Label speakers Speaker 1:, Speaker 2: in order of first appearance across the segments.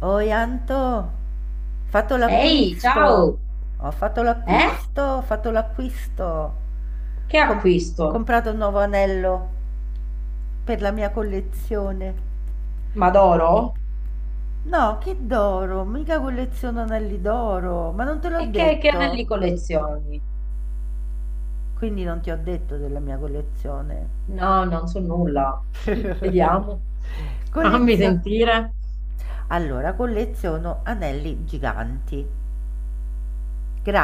Speaker 1: Oi Anto, ho fatto
Speaker 2: Ehi,
Speaker 1: l'acquisto,
Speaker 2: ciao!
Speaker 1: ho fatto
Speaker 2: Eh?
Speaker 1: l'acquisto, ho fatto l'acquisto,
Speaker 2: Che
Speaker 1: Com-
Speaker 2: acquisto?
Speaker 1: comprato un nuovo anello per la mia collezione.
Speaker 2: Madoro?
Speaker 1: No, che d'oro, mica colleziono anelli d'oro, ma non te l'ho
Speaker 2: E che anelli
Speaker 1: detto,
Speaker 2: collezioni?
Speaker 1: quindi non ti ho detto della mia collezione.
Speaker 2: No, non so nulla. Vediamo. Fammi
Speaker 1: Collezio-
Speaker 2: sentire.
Speaker 1: allora, colleziono anelli giganti,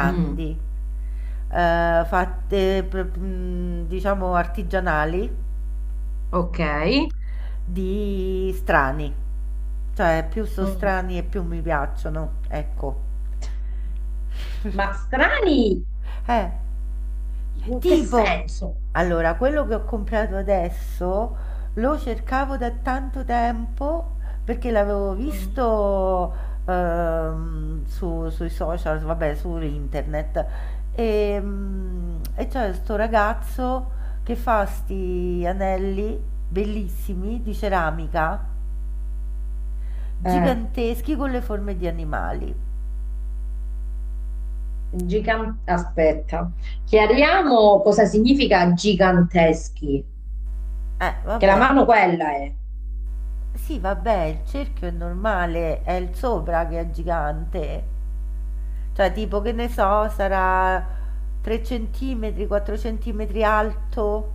Speaker 2: Mm,
Speaker 1: fatte, diciamo, artigianali
Speaker 2: ok.
Speaker 1: di strani. Cioè, più sono
Speaker 2: Mm.
Speaker 1: strani e più mi piacciono, ecco.
Speaker 2: Ma strani?
Speaker 1: Eh.
Speaker 2: In che
Speaker 1: Tipo,
Speaker 2: senso?
Speaker 1: allora, quello che ho comprato adesso lo cercavo da tanto tempo perché l'avevo
Speaker 2: Mm.
Speaker 1: visto sui social, vabbè, su internet. E c'è sto ragazzo che fa sti anelli bellissimi di ceramica,
Speaker 2: Eh,
Speaker 1: giganteschi con le forme di animali.
Speaker 2: aspetta. Chiariamo cosa significa giganteschi. Che la
Speaker 1: Vabbè.
Speaker 2: mano quella è.
Speaker 1: Sì, vabbè, il cerchio è normale, è il sopra che è gigante. Cioè, tipo, che ne so, sarà 3 centimetri, 4 centimetri alto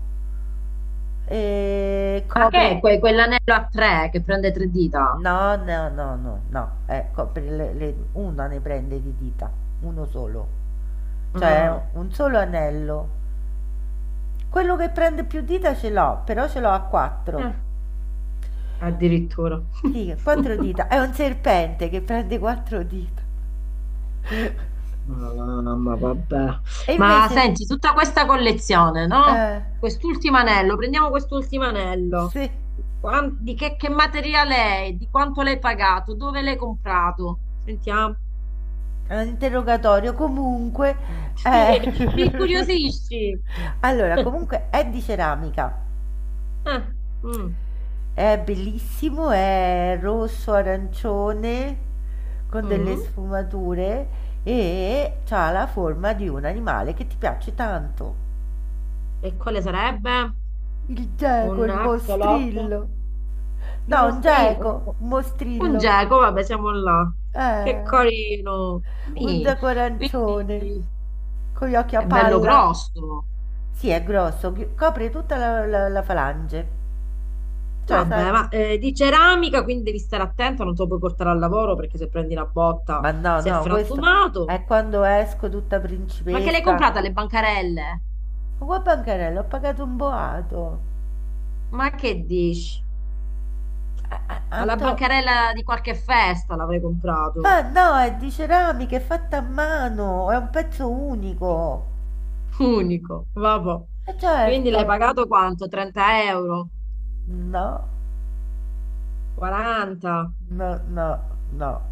Speaker 1: e
Speaker 2: Ma che
Speaker 1: copre.
Speaker 2: è quell'anello a tre che prende tre dita?
Speaker 1: No, no, no, no, no, copre una ne prende di dita, uno solo.
Speaker 2: Mm.
Speaker 1: Cioè, un solo anello. Quello che prende più dita ce l'ho, però ce l'ho a quattro.
Speaker 2: Eh, addirittura.
Speaker 1: Sì, quattro dita. È un serpente che prende quattro dita.
Speaker 2: Mamma, vabbè.
Speaker 1: E
Speaker 2: Ma
Speaker 1: invece,
Speaker 2: senti, tutta questa collezione, no?
Speaker 1: eh,
Speaker 2: Quest'ultimo anello, prendiamo quest'ultimo anello.
Speaker 1: se
Speaker 2: Di che materiale è? Di quanto l'hai pagato? Dove l'hai comprato? Sentiamo.
Speaker 1: è un interrogatorio, comunque,
Speaker 2: Sì,
Speaker 1: eh,
Speaker 2: ti incuriosisci.
Speaker 1: allora, comunque è di ceramica,
Speaker 2: Eh, mm,
Speaker 1: è bellissimo, è rosso, arancione, con delle
Speaker 2: mm.
Speaker 1: sfumature e ha la forma di un animale che ti piace tanto.
Speaker 2: E quale sarebbe?
Speaker 1: Il
Speaker 2: Un
Speaker 1: geco, il
Speaker 2: axolot?
Speaker 1: mostrillo.
Speaker 2: Il
Speaker 1: No, un
Speaker 2: mostrino.
Speaker 1: geco, un
Speaker 2: Un
Speaker 1: mostrillo.
Speaker 2: geco, vabbè, siamo là. Che
Speaker 1: Eh,
Speaker 2: carino.
Speaker 1: un zacorancione
Speaker 2: Quindi
Speaker 1: con gli occhi a
Speaker 2: è bello
Speaker 1: palla.
Speaker 2: grosso.
Speaker 1: Sì, è grosso, copre tutta la falange. Cioè, sai,
Speaker 2: Vabbè, ma di ceramica, quindi devi stare attento, non te lo puoi portare al lavoro perché se prendi una botta
Speaker 1: ma no,
Speaker 2: sei
Speaker 1: no, questo
Speaker 2: frantumato.
Speaker 1: è quando esco tutta
Speaker 2: Ma che l'hai
Speaker 1: principessa.
Speaker 2: comprata alle bancarelle?
Speaker 1: Ma qua bancarella, ho pagato un boato.
Speaker 2: Ma che dici?
Speaker 1: A- a-
Speaker 2: Alla
Speaker 1: Anto,
Speaker 2: bancarella di qualche festa l'avrei comprato.
Speaker 1: ma no, è di ceramica, è fatta a mano, è un pezzo unico.
Speaker 2: Unico, vabbè.
Speaker 1: E
Speaker 2: Quindi
Speaker 1: certo,
Speaker 2: l'hai pagato quanto? 30 euro?
Speaker 1: no,
Speaker 2: 40?
Speaker 1: no, no, no,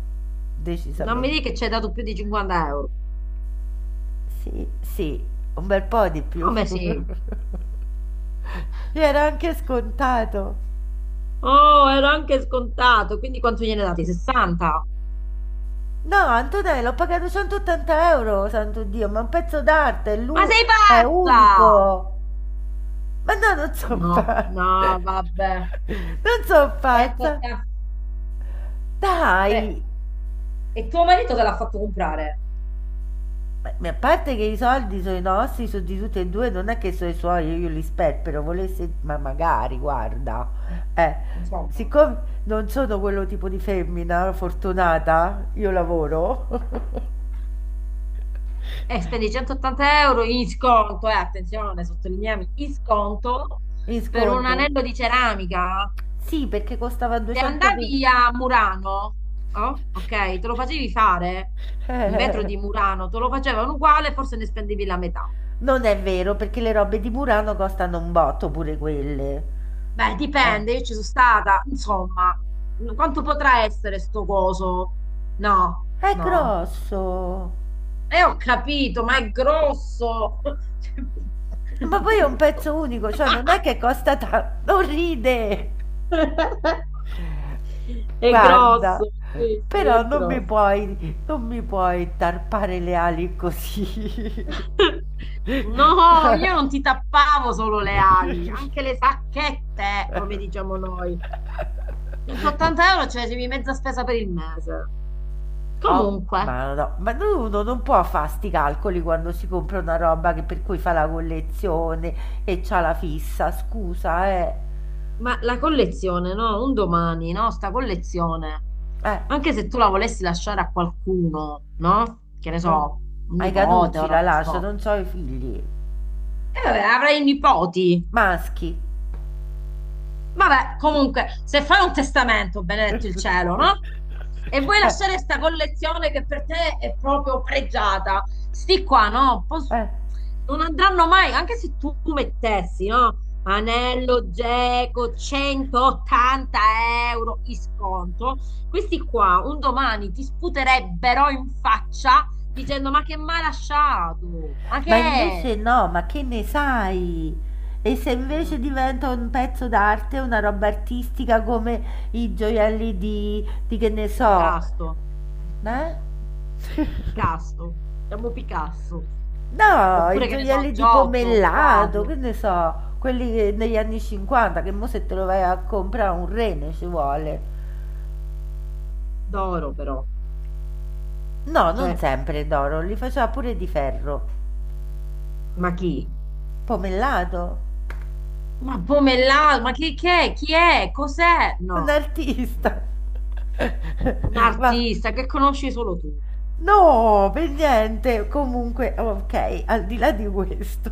Speaker 2: Non mi
Speaker 1: decisamente.
Speaker 2: dici che ci hai dato più di 50 euro.
Speaker 1: Sì, sì, un bel po' di più.
Speaker 2: Come sì?
Speaker 1: Era anche scontato.
Speaker 2: Oh, ero anche scontato, quindi quanto gliene date? 60?
Speaker 1: No, Antonello, ho pagato 180 euro, santo Dio, ma è un pezzo d'arte, è,
Speaker 2: Ma
Speaker 1: lu-
Speaker 2: sei
Speaker 1: è
Speaker 2: pazza!
Speaker 1: unico. Ma no, non so
Speaker 2: No,
Speaker 1: pazza.
Speaker 2: no, vabbè.
Speaker 1: Non so pazza.
Speaker 2: 180. Cioè,
Speaker 1: Dai.
Speaker 2: e tuo marito te l'ha fatto comprare?
Speaker 1: A parte che i soldi sono i nostri, sono di tutti e due, non è che sono i suoi, io li sperpero, volesse, ma magari, guarda.
Speaker 2: Ma,
Speaker 1: Eh,
Speaker 2: insomma.
Speaker 1: siccome non sono quello tipo di femmina fortunata, io lavoro.
Speaker 2: E spendi 180 euro in sconto, attenzione, sottolineiamo, in sconto
Speaker 1: In
Speaker 2: per un
Speaker 1: sconto?
Speaker 2: anello di ceramica.
Speaker 1: Sì, perché costava
Speaker 2: Se andavi
Speaker 1: 220.
Speaker 2: a Murano, oh, ok, te lo facevi fare in vetro di Murano, te lo facevano uguale, forse ne spendevi la metà.
Speaker 1: Non è vero, perché le robe di Murano costano un botto pure quelle.
Speaker 2: Beh,
Speaker 1: Eh.
Speaker 2: dipende, io ci sono stata, insomma, quanto potrà essere sto coso? No,
Speaker 1: È
Speaker 2: no.
Speaker 1: grosso.
Speaker 2: E ho capito, ma è grosso.
Speaker 1: Ma poi è un pezzo unico, cioè non è che costa tanto. Non ride.
Speaker 2: È
Speaker 1: Guarda.
Speaker 2: grosso, sì, sì, è
Speaker 1: Però non mi
Speaker 2: grosso.
Speaker 1: puoi, non mi puoi tarpare le ali così.
Speaker 2: No, io non ti tappavo solo le ali, anche le sacchette, come diciamo noi. 180 euro, cioè, c'è mezza spesa per il mese.
Speaker 1: Oh,
Speaker 2: Comunque.
Speaker 1: ma no, no. Ma no, uno non può fa' sti calcoli quando si compra una roba che per cui fa la collezione e c'ha la fissa, scusa, eh.
Speaker 2: Ma la collezione, no? Un domani, no? Sta collezione.
Speaker 1: Eh,
Speaker 2: Anche se tu la volessi lasciare a qualcuno, no? Che ne so,
Speaker 1: non.
Speaker 2: un
Speaker 1: Ai
Speaker 2: nipote,
Speaker 1: Canucci
Speaker 2: ora
Speaker 1: la
Speaker 2: non
Speaker 1: lascio,
Speaker 2: so.
Speaker 1: non c'ho i figli.
Speaker 2: Vabbè, avrai i nipoti.
Speaker 1: Maschi.
Speaker 2: Vabbè, comunque, se fai un testamento, benedetto il cielo, no? E vuoi
Speaker 1: Eh,
Speaker 2: lasciare questa collezione che per te è proprio pregiata, sti qua, no?
Speaker 1: eh.
Speaker 2: Non andranno mai, anche se tu mettessi, no? Anello Geco 180 euro in sconto, questi qua un domani ti sputerebbero in faccia dicendo: Ma che mai lasciato? Ma che
Speaker 1: Ma
Speaker 2: è?
Speaker 1: invece no, ma che ne sai? E se
Speaker 2: Mm,
Speaker 1: invece diventa un pezzo d'arte, una roba artistica come i gioielli di che ne
Speaker 2: di
Speaker 1: so,
Speaker 2: Picasso.
Speaker 1: eh?
Speaker 2: Picasso, siamo Picasso.
Speaker 1: No, i
Speaker 2: Oppure che ne so,
Speaker 1: gioielli di
Speaker 2: Giotto, un
Speaker 1: pomellato, che
Speaker 2: quadro
Speaker 1: ne so, quelli negli anni 50, che mo se te lo vai a comprare un rene ci vuole.
Speaker 2: d'oro però.
Speaker 1: No, non
Speaker 2: Cioè,
Speaker 1: sempre d'oro, li faceva pure di ferro.
Speaker 2: ma chi?
Speaker 1: Pomellato,
Speaker 2: Ma Pomellato, ma chi, che è? Chi è? Cos'è?
Speaker 1: un
Speaker 2: No, no.
Speaker 1: artista.
Speaker 2: Un
Speaker 1: Va
Speaker 2: artista che conosci solo tu.
Speaker 1: No, per niente. Comunque, ok, al di là di questo.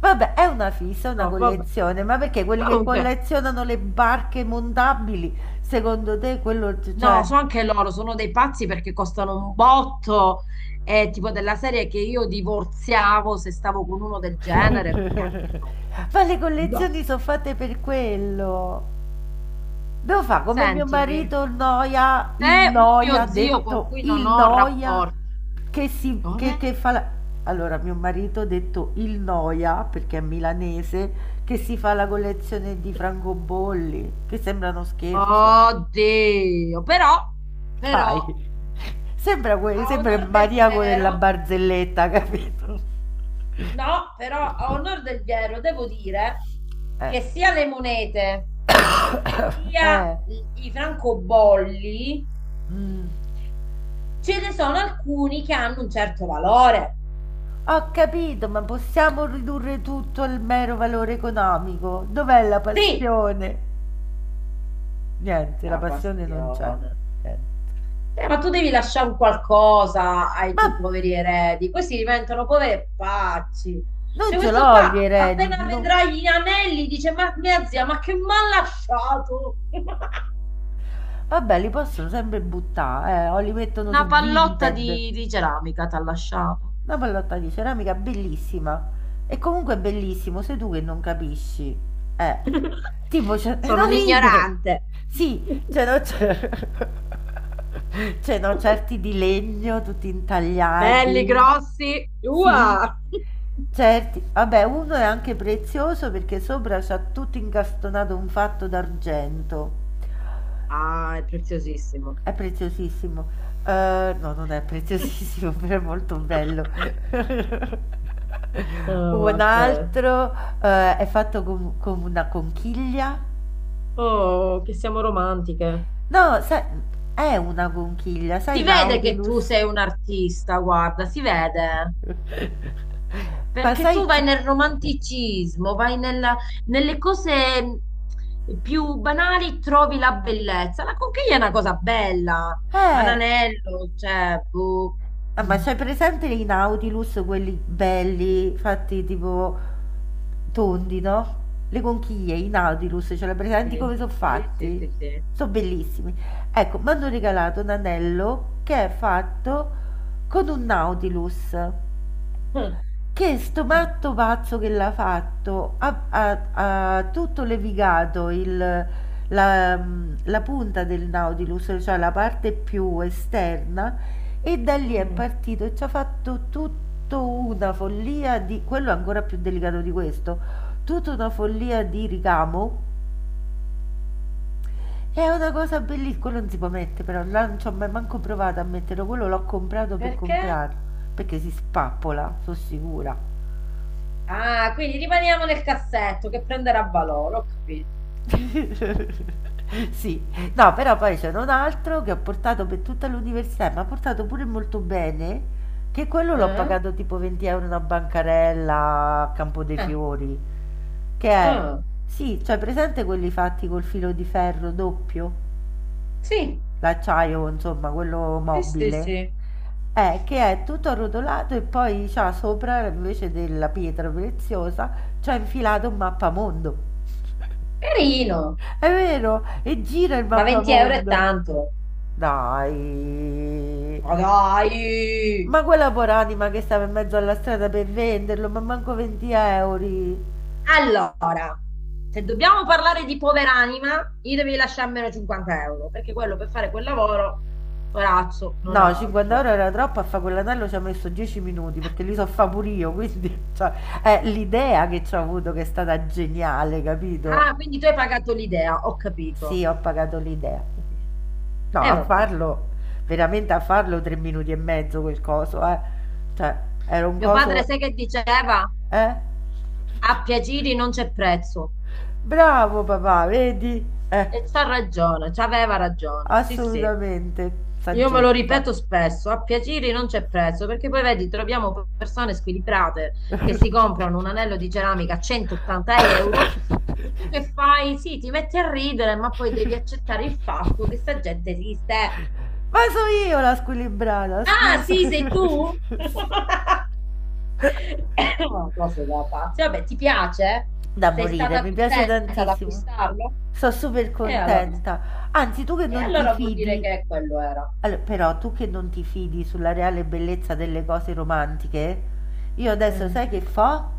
Speaker 1: Vabbè, è una fissa, è una
Speaker 2: No, vabbè.
Speaker 1: collezione, ma perché quelli che
Speaker 2: Comunque,
Speaker 1: collezionano le barche montabili, secondo te quello,
Speaker 2: no,
Speaker 1: cioè.
Speaker 2: so anche loro, sono dei pazzi perché costano un botto. È tipo della serie che io divorziavo se stavo con uno del genere, perché anche no.
Speaker 1: Ma le
Speaker 2: No.
Speaker 1: collezioni sono fatte per quello. Devo fare come mio
Speaker 2: Sentimi.
Speaker 1: marito il
Speaker 2: C'è un
Speaker 1: noia,
Speaker 2: mio zio con
Speaker 1: detto
Speaker 2: cui non
Speaker 1: il
Speaker 2: ho
Speaker 1: noia,
Speaker 2: rapporti.
Speaker 1: che, si, che,
Speaker 2: Come?
Speaker 1: che fa la. Allora, mio marito ha detto il noia, perché è milanese, che si fa la collezione di francobolli, che sembra uno scherzo.
Speaker 2: Oddio, però, però,
Speaker 1: Dai, sembra, que-
Speaker 2: a
Speaker 1: sembra il
Speaker 2: onor del
Speaker 1: maniaco della
Speaker 2: vero,
Speaker 1: barzelletta, capito?
Speaker 2: no, però a onor del vero devo dire
Speaker 1: Eh,
Speaker 2: che sia le monete, sia
Speaker 1: eh,
Speaker 2: i francobolli,
Speaker 1: mm.
Speaker 2: ce ne sono alcuni che hanno un certo valore.
Speaker 1: Ho capito, ma possiamo ridurre tutto al mero valore economico? Dov'è la
Speaker 2: Sì,
Speaker 1: passione? Niente, la
Speaker 2: la
Speaker 1: passione non c'è.
Speaker 2: passione.
Speaker 1: Niente.
Speaker 2: Ma tu devi lasciare un qualcosa ai
Speaker 1: Ma
Speaker 2: tuoi poveri eredi, questi diventano poveri pacci. Cioè,
Speaker 1: non ce
Speaker 2: questo
Speaker 1: l'ho gli
Speaker 2: qua
Speaker 1: eredi,
Speaker 2: appena
Speaker 1: no.
Speaker 2: vedrà gli anelli dice: Ma mia zia, ma che mi ha lasciato?
Speaker 1: Vabbè, li possono sempre buttare, o li mettono
Speaker 2: Una
Speaker 1: su
Speaker 2: pallotta
Speaker 1: Vinted.
Speaker 2: di ceramica ti ha lasciato.
Speaker 1: Una pallotta di ceramica bellissima. E comunque è bellissimo, sei tu che non capisci. Eh, tipo, cioè,
Speaker 2: Sono
Speaker 1: non
Speaker 2: un
Speaker 1: ride.
Speaker 2: ignorante.
Speaker 1: Sì, cioè, no, c'è. Cioè, no, certi di legno, tutti
Speaker 2: Belli,
Speaker 1: intagliati.
Speaker 2: grossi.
Speaker 1: Sì,
Speaker 2: Ua!
Speaker 1: certi. Vabbè, uno è anche prezioso perché sopra c'ha tutto incastonato un fatto d'argento.
Speaker 2: Ah, è preziosissimo.
Speaker 1: È preziosissimo. No, non è preziosissimo, però è molto bello.
Speaker 2: Oh,
Speaker 1: Un
Speaker 2: vabbè.
Speaker 1: altro, è fatto con una conchiglia.
Speaker 2: Oh, che siamo romantiche.
Speaker 1: No, sai, è una conchiglia,
Speaker 2: Si
Speaker 1: sai
Speaker 2: vede che
Speaker 1: Nautilus?
Speaker 2: tu sei un artista, guarda, si vede,
Speaker 1: Ma
Speaker 2: perché tu
Speaker 1: sai,
Speaker 2: vai
Speaker 1: cioè,
Speaker 2: nel romanticismo, vai nella- nelle cose più banali, trovi la bellezza. La conchiglia è una cosa bella, ma
Speaker 1: eh,
Speaker 2: l'anello, cioè, boh.
Speaker 1: Ah, ma
Speaker 2: Mm.
Speaker 1: c'hai presente i Nautilus, quelli belli, fatti tipo tondi, no? Le conchiglie, i Nautilus, ce li hai
Speaker 2: Sì,
Speaker 1: presenti
Speaker 2: sì,
Speaker 1: come sono
Speaker 2: sì, sì,
Speaker 1: fatti?
Speaker 2: sì, sì.
Speaker 1: Sono bellissimi. Ecco, mi hanno regalato un anello che è fatto con un Nautilus.
Speaker 2: Mm,
Speaker 1: Che sto
Speaker 2: mm.
Speaker 1: matto pazzo che l'ha fatto, ha tutto levigato la punta del Nautilus, cioè la parte più esterna, e da lì è
Speaker 2: Mm.
Speaker 1: partito e ci ha fatto tutta una follia di, quello è ancora più delicato di questo, tutta una follia di ricamo. È una cosa bellissima, quello non si può mettere però, là non ci ho mai manco provato a metterlo, quello l'ho comprato per
Speaker 2: Perché?
Speaker 1: comprarlo, perché si spappola, sono sicura.
Speaker 2: Ah, quindi rimaniamo nel cassetto che prenderà valore, ho capito.
Speaker 1: Sì, no, però poi c'era un altro che ho portato per tutta l'università e m'ha portato pure molto bene, che quello l'ho
Speaker 2: Eh?
Speaker 1: pagato tipo 20 € una bancarella a Campo dei
Speaker 2: Eh,
Speaker 1: Fiori, che è,
Speaker 2: eh.
Speaker 1: sì, cioè presente quelli fatti col filo di ferro doppio,
Speaker 2: Sì,
Speaker 1: l'acciaio, insomma, quello
Speaker 2: sì, sì,
Speaker 1: mobile,
Speaker 2: sì.
Speaker 1: che è tutto arrotolato e poi c'ha sopra invece della pietra preziosa, c'ha infilato un mappamondo.
Speaker 2: Carino,
Speaker 1: È vero, e gira il
Speaker 2: ma 20 euro è
Speaker 1: mappamondo.
Speaker 2: tanto.
Speaker 1: Dai.
Speaker 2: Ma dai!
Speaker 1: Ma quella poranima che stava in mezzo alla strada per venderlo, ma manco 20 euro.
Speaker 2: Allora, se dobbiamo parlare di poveranima, gli devi lasciare almeno 50 euro, perché quello per fare quel lavoro, corazzo, non
Speaker 1: No,
Speaker 2: ha
Speaker 1: 50
Speaker 2: altro.
Speaker 1: euro era troppo, a fare quell'anello ci ha messo 10 minuti, perché li so fa pure io, quindi cioè, è l'idea che ci ho avuto che è stata geniale, capito?
Speaker 2: Ah, quindi tu hai pagato l'idea, ho capito.
Speaker 1: Sì, ho pagato l'idea. No,
Speaker 2: E
Speaker 1: a
Speaker 2: vabbè.
Speaker 1: farlo, veramente a farlo 3 minuti e mezzo quel coso, eh. Cioè, era un
Speaker 2: Mio padre
Speaker 1: coso.
Speaker 2: sai che diceva?
Speaker 1: Eh?
Speaker 2: A piacere non c'è prezzo.
Speaker 1: Bravo papà, vedi? Eh,
Speaker 2: E c'ha ragione, c'aveva ragione. Sì, sì.
Speaker 1: assolutamente,
Speaker 2: Io me lo
Speaker 1: saggezza.
Speaker 2: ripeto spesso, a piacere non c'è prezzo, perché poi vedi, troviamo persone squilibrate che si comprano un anello di ceramica a 180 euro e tu che fai? Sì, ti metti a ridere, ma poi devi accettare il fatto che sta gente esiste.
Speaker 1: Ma so io la squilibrata,
Speaker 2: Ah,
Speaker 1: scusa.
Speaker 2: sì, sei tu?
Speaker 1: Sì.
Speaker 2: Cose da pazzi. Vabbè, ti piace?
Speaker 1: Da
Speaker 2: Sei
Speaker 1: morire,
Speaker 2: stata
Speaker 1: mi piace
Speaker 2: contenta ad
Speaker 1: tantissimo.
Speaker 2: acquistarlo?
Speaker 1: Sono super
Speaker 2: E allora,
Speaker 1: contenta. Anzi, tu che
Speaker 2: e
Speaker 1: non ti
Speaker 2: allora vuol dire
Speaker 1: fidi.
Speaker 2: che quello era.
Speaker 1: Allo però tu che non ti fidi sulla reale bellezza delle cose romantiche, io adesso
Speaker 2: Eh,
Speaker 1: sai che fo?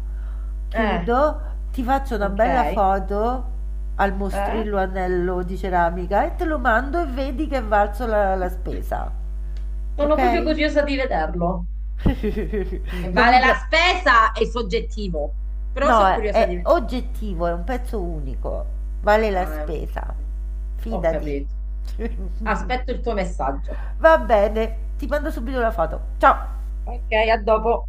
Speaker 2: eh,
Speaker 1: Chiudo, ti faccio una bella
Speaker 2: ok.
Speaker 1: foto al
Speaker 2: Eh?
Speaker 1: mostrillo anello di ceramica e te lo mando e vedi che è valso la spesa.
Speaker 2: Sono proprio
Speaker 1: Ok?
Speaker 2: curiosa di vederlo. E
Speaker 1: Non
Speaker 2: vale
Speaker 1: mi
Speaker 2: la
Speaker 1: pre.
Speaker 2: spesa è soggettivo, però
Speaker 1: No,
Speaker 2: sono
Speaker 1: è,
Speaker 2: curiosa di
Speaker 1: è
Speaker 2: vedere.
Speaker 1: oggettivo, è un pezzo unico, vale la
Speaker 2: Ah, è un pezzo
Speaker 1: spesa,
Speaker 2: di- Ho
Speaker 1: fidati.
Speaker 2: capito. Aspetto il tuo messaggio.
Speaker 1: Va bene, ti mando subito la foto. Ciao!
Speaker 2: Ok, a dopo.